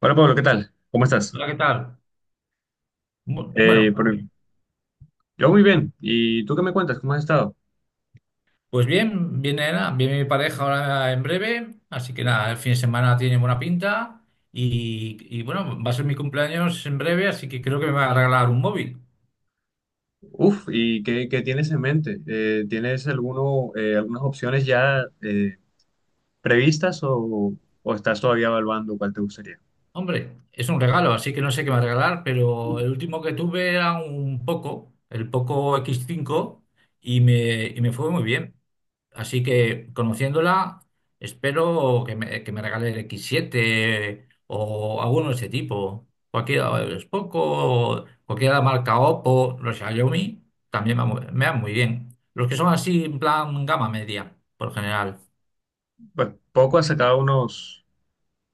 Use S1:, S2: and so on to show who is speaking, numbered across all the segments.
S1: Hola Pablo, ¿qué tal? ¿Cómo estás?
S2: Hola, ¿qué tal?
S1: Eh,
S2: Bueno,
S1: por- yo muy bien. ¿Y tú qué me cuentas? ¿Cómo has estado?
S2: pues bien, viene, nada, viene mi pareja ahora en breve, así que nada, el fin de semana tiene buena pinta y bueno, va a ser mi cumpleaños en breve, así que creo que me va a regalar un móvil.
S1: Uf, ¿y qué tienes en mente? ¿Tienes alguno, algunas opciones ya previstas o estás todavía evaluando cuál te gustaría?
S2: Hombre, es un regalo, así que no sé qué me va a regalar, pero el último que tuve era un Poco, el Poco X5 y me fue muy bien. Así que conociéndola, espero que me regale el X7 o alguno de ese tipo. Cualquiera, es Poco, cualquiera de la marca Oppo, los Xiaomi, también me van muy bien. Los que son así en plan gama media, por general.
S1: Pues poco ha sacado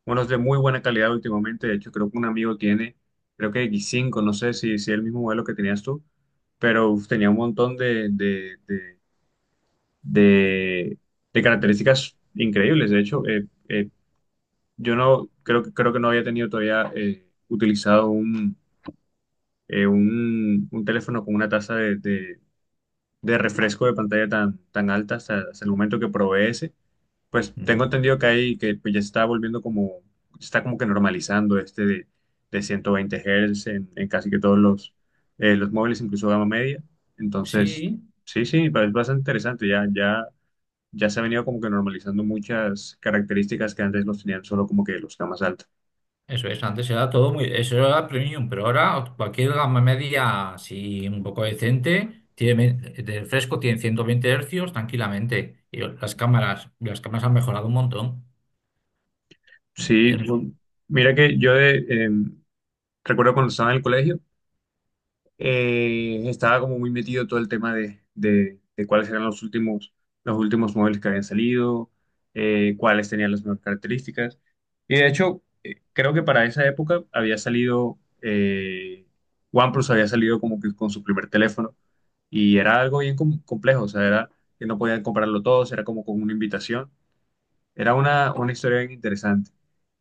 S1: unos de muy buena calidad últimamente. De hecho, creo que un amigo tiene, creo que x cinco. No sé si, si el mismo modelo que tenías tú, pero uf, tenía un montón de, de- de características increíbles. De hecho, yo no creo que creo que no había tenido todavía utilizado un teléfono con una tasa de, de refresco de pantalla tan, tan alta hasta, hasta el momento que probé ese. Pues
S2: Mm.
S1: tengo entendido que hay que pues, ya está volviendo como, está como que normalizando este de 120 Hz en casi que todos los móviles, incluso gama media. Entonces,
S2: Sí.
S1: sí, sí, es bastante interesante. Ya, ya, ya se ha venido como que normalizando muchas características que antes los tenían solo como que los gamas altas.
S2: Eso es, antes era todo muy, eso era premium, pero ahora cualquier gama media, si un poco decente, tiene, de fresco tiene 120 hercios tranquilamente. Y las cámaras han mejorado un montón. Y
S1: Sí,
S2: en-
S1: mira que yo de, recuerdo cuando estaba en el colegio, estaba como muy metido todo el tema de, de cuáles eran los últimos móviles que habían salido, cuáles tenían las mejores características. Y de hecho, creo que para esa época había salido, OnePlus había salido como que con su primer teléfono y era algo bien complejo, o sea, era que no podían comprarlo todos, era como con una invitación. Era una historia bien interesante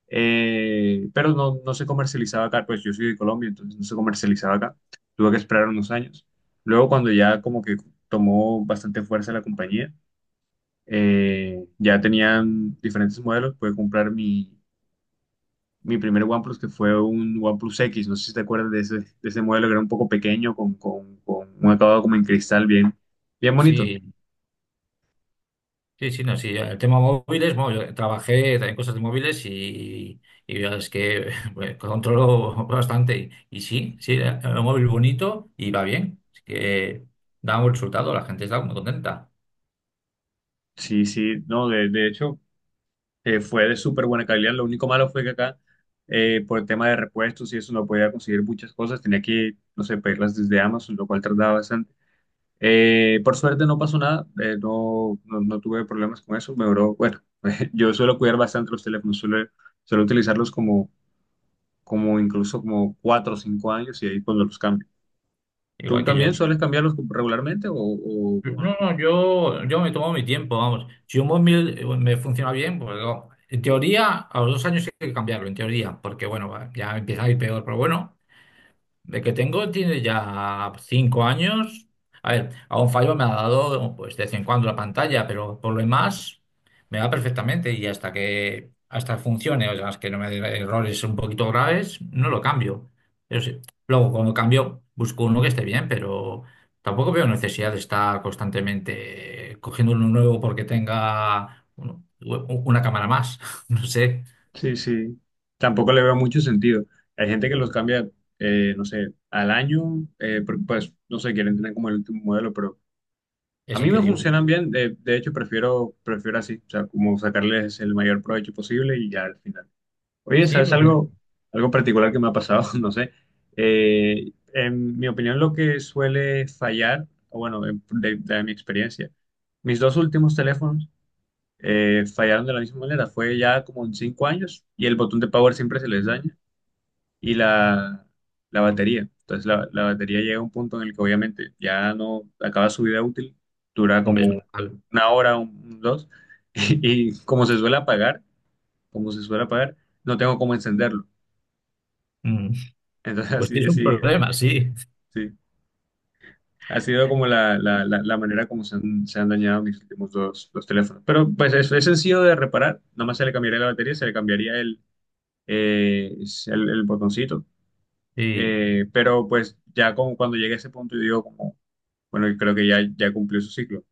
S1: pero no, no se comercializaba acá, pues yo soy de Colombia, entonces no se comercializaba acá, tuve que esperar unos años. Luego cuando ya como que tomó bastante fuerza la compañía, ya tenían diferentes modelos, pude comprar mi, mi primer OnePlus, que fue un OnePlus X, no sé si te acuerdas de ese modelo que era un poco pequeño, con un acabado como en cristal bien, bien bonito.
S2: Sí, sí, sí, no, sí. El tema móviles, bueno, yo trabajé también cosas de móviles y ya es que bueno, controlo bastante. Y sí, sí, el móvil bonito y va bien. Así que da un buen resultado, la gente está muy contenta.
S1: Sí, sí, no, de hecho fue de súper buena calidad. Lo único malo fue que acá, por el tema de repuestos y eso, no podía conseguir muchas cosas. Tenía que, no sé, pedirlas desde Amazon, lo cual tardaba bastante. Por suerte no pasó nada, no, no, no tuve problemas con eso. Me duró, bueno, yo suelo cuidar bastante los teléfonos, suelo, suelo utilizarlos como, como incluso como cuatro o cinco años y ahí cuando los cambio. ¿Tú
S2: Igual que yo.
S1: también sueles cambiarlos regularmente o,
S2: No, no, yo me tomo mi tiempo, vamos. Si un móvil me funciona bien, pues no. En teoría, a los 2 años hay que cambiarlo, en teoría, porque bueno, va, ya empieza a ir peor, pero bueno, de que tengo tiene ya 5 años. A ver, a un fallo me ha dado pues de vez en cuando la pantalla, pero por lo demás me va perfectamente y hasta que hasta funcione, o sea, es que no me dé errores un poquito graves, no lo cambio. Pero sí, luego cuando cambio busco uno que esté bien, pero tampoco veo necesidad de estar constantemente cogiendo uno nuevo porque tenga una cámara más. No sé,
S1: sí, sí. Tampoco le veo mucho sentido. Hay gente que los cambia, no sé, al año, porque pues, no sé, quieren tener como el último modelo, pero a
S2: es
S1: mí me
S2: increíble.
S1: funcionan bien. De hecho, prefiero, prefiero así, o sea, como sacarles el mayor provecho posible y ya al final. Oye,
S2: Sí,
S1: ¿sabes
S2: porque
S1: algo, algo particular que me ha pasado? No sé. En mi opinión, lo que suele fallar, o bueno, de mi experiencia, mis dos últimos teléfonos fallaron de la misma manera. Fue ya como en cinco años y el botón de power siempre se les daña y la batería. Entonces la batería llega a un punto en el que obviamente ya no acaba su vida útil, dura
S2: hombre, es
S1: como
S2: normal.
S1: una hora, un dos, y como se suele apagar, como se suele apagar, no tengo cómo encenderlo.
S2: Mm.
S1: Entonces
S2: Pues
S1: así,
S2: sí, es un
S1: así,
S2: problema, sí.
S1: sí. Ha sido como la manera como se han dañado mis últimos dos, dos teléfonos. Pero pues es sencillo de reparar. Nada más se le cambiaría la batería, se le cambiaría el, es el botoncito.
S2: Sí,
S1: Pero pues ya como cuando llegué a ese punto, yo digo como, bueno, creo que ya, ya cumplió su ciclo.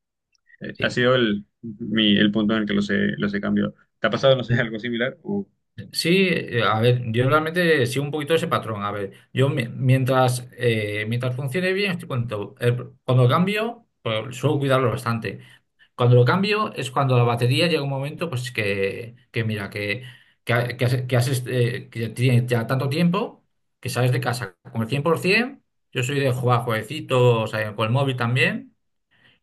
S1: Ha
S2: sí.
S1: sido el, mi, el punto en el que los he cambiado. ¿Te ha pasado, no sé, algo similar? O
S2: Sí, a ver, yo realmente sigo un poquito ese patrón. A ver, yo mientras, mientras funcione bien, estoy contento. Cuando lo cambio, pues, suelo cuidarlo bastante. Cuando lo cambio es cuando la batería llega un momento, pues que mira, que, que has, este, que tienes ya tanto tiempo que sales de casa con el 100%. Yo soy de jugar jueguecitos, con el móvil también.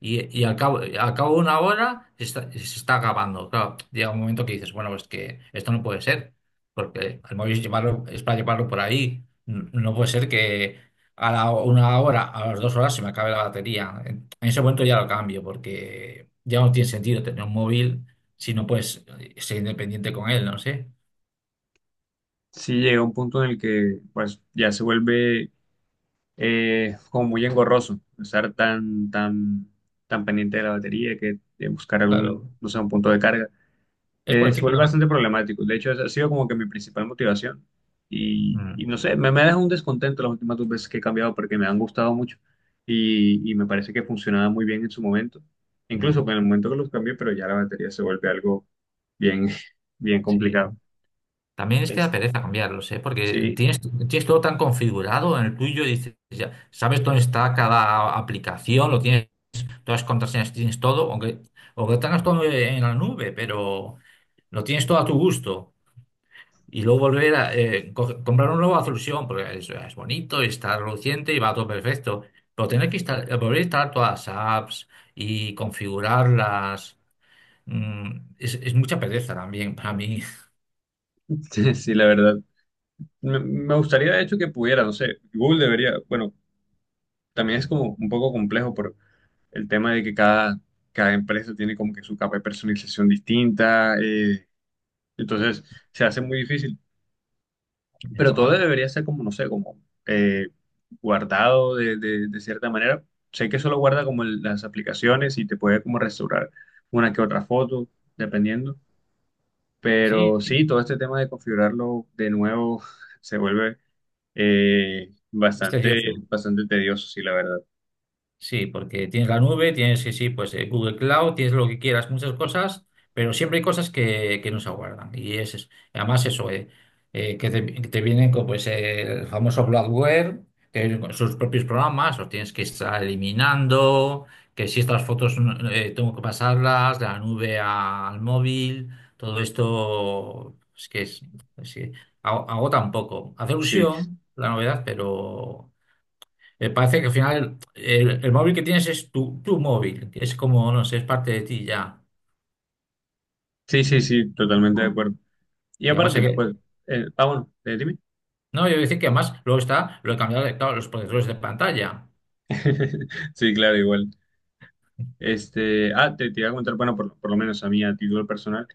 S2: Y al cabo de una hora se está acabando. Claro, llega un momento que dices, bueno, pues es que esto no puede ser, porque el móvil es, llevarlo, es para llevarlo por ahí. No puede ser que una hora, a las 2 horas se me acabe la batería. En ese momento ya lo cambio, porque ya no tiene sentido tener un móvil si no puedes ser independiente con él, no sé.
S1: sí llega un punto en el que pues ya se vuelve como muy engorroso estar tan, tan, tan pendiente de la batería que de buscar algún,
S2: Claro,
S1: no sé, un punto de carga.
S2: es por el
S1: Se
S2: ciclo
S1: vuelve
S2: de…
S1: bastante problemático. De hecho, esa ha sido como que mi principal motivación. Y
S2: Mm,
S1: no sé, me ha dejado un descontento las últimas dos veces que he cambiado porque me han gustado mucho y me parece que funcionaba muy bien en su momento. Incluso en
S2: mm,
S1: el momento que los cambié, pero ya la batería se vuelve algo bien, bien complicado.
S2: sí. También es que da
S1: Es,
S2: pereza cambiarlos, ¿eh? Porque
S1: sí,
S2: tienes todo tan configurado en el tuyo, dices, ya sabes dónde está cada aplicación, lo tienes, todas las contraseñas tienes todo, aunque tengas todo en la nube, pero lo tienes todo a tu gusto. Y luego volver a comprar una nueva solución, porque es bonito, y está reluciente y va todo perfecto. Pero tener que volver a instalar todas las apps y configurarlas, es mucha pereza también para mí.
S1: sí, sí, la verdad. Me gustaría, de hecho, que pudiera, no sé, Google debería, bueno, también es como un poco complejo por el tema de que cada, cada empresa tiene como que su capa de personalización distinta. Entonces se hace muy difícil. Pero todo debería ser como, no sé, como eh, guardado de, de cierta manera. Sé que solo guarda como las aplicaciones y te puede como restaurar una que otra foto, dependiendo.
S2: Sí.
S1: Pero sí, todo este tema de configurarlo de nuevo se vuelve
S2: Es
S1: bastante,
S2: tedioso,
S1: bastante tedioso, sí, la verdad.
S2: sí, porque tienes la nube, tienes, sí, sí, pues Google Cloud, tienes lo que quieras, muchas cosas, pero siempre hay cosas que, no se aguardan. Y es, además eso, que te, vienen con pues, el famoso bloatware, que vienen con sus propios programas, los tienes que estar eliminando, que si estas fotos tengo que pasarlas de la nube al móvil, todo esto es que agota un poco. Hace
S1: Sí,
S2: ilusión la novedad, pero… parece que al final el móvil que tienes es tu móvil, que es como, no sé, es parte de ti ya.
S1: sí, sí, sí, totalmente de acuerdo. Y
S2: Y además hay
S1: aparte,
S2: que…
S1: pues, bueno, dime.
S2: No, yo voy a decir que además luego está lo he cambiado de, claro, los protectores de pantalla.
S1: Sí, claro, igual. Este, ah, te iba a contar, bueno, por lo menos a mí, a título personal,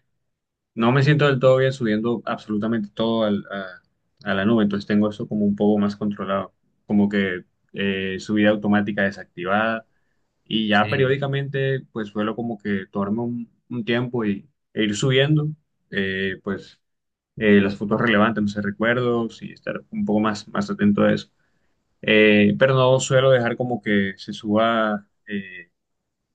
S1: no me siento del todo bien subiendo absolutamente todo a la nube, entonces tengo eso como un poco más controlado, como que subida automática desactivada y ya
S2: Sí.
S1: periódicamente pues suelo como que tomarme un tiempo y, e ir subiendo pues las fotos relevantes, no sé, recuerdos y estar un poco más, más atento a eso. Pero no suelo dejar como que se suba.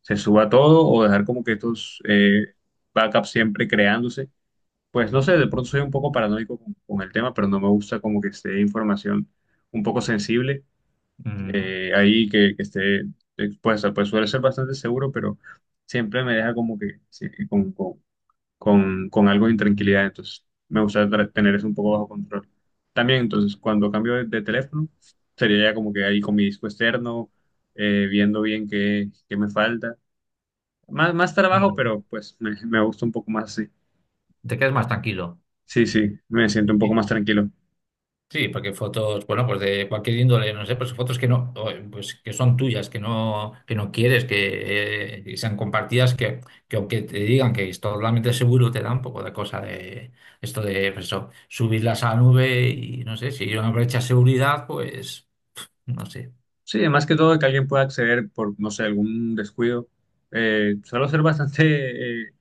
S1: Se suba todo o dejar como que estos backups siempre creándose. Pues no sé, de pronto soy un poco paranoico con el tema, pero no me gusta como que esté información un poco sensible
S2: Mm.
S1: ahí que esté expuesta. Pues suele ser bastante seguro, pero siempre me deja como que sí, con algo de intranquilidad. Entonces me gusta tener eso un poco bajo control. También, entonces, cuando cambio de teléfono, sería ya como que ahí con mi disco externo, viendo bien qué, qué me falta más, más trabajo,
S2: Bueno.
S1: pero pues me gusta un poco más así.
S2: Te quedas más tranquilo.
S1: Sí, sí, me siento un poco más tranquilo.
S2: Sí, porque fotos, bueno, pues de cualquier índole, no sé, pues fotos que no, o, pues que son tuyas, que no quieres que sean compartidas, que, aunque te digan que es totalmente seguro, te da un poco de cosa de esto de pues eso, subirlas a la nube y no sé, si hay una brecha de seguridad, pues no sé.
S1: Sí, más que todo que alguien pueda acceder por, no sé, algún descuido. Suelo ser bastante, eh,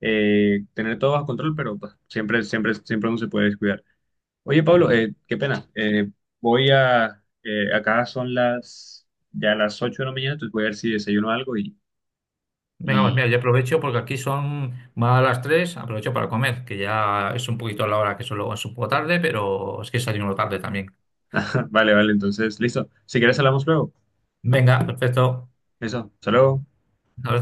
S1: eh, tener todo bajo control, pero pues, siempre, siempre, siempre uno se puede descuidar. Oye, Pablo, qué pena. Voy a, acá son las, ya las 8 de la mañana, entonces voy a ver si desayuno algo
S2: Venga, pues
S1: y,
S2: mira, yo aprovecho porque aquí son más a las 3, aprovecho para comer, que ya es un poquito la hora que solo es un poco tarde, pero es que salimos tarde también.
S1: vale, vale, entonces, listo. Si quieres hablamos luego.
S2: Venga, perfecto.
S1: Eso, hasta luego.
S2: Ahora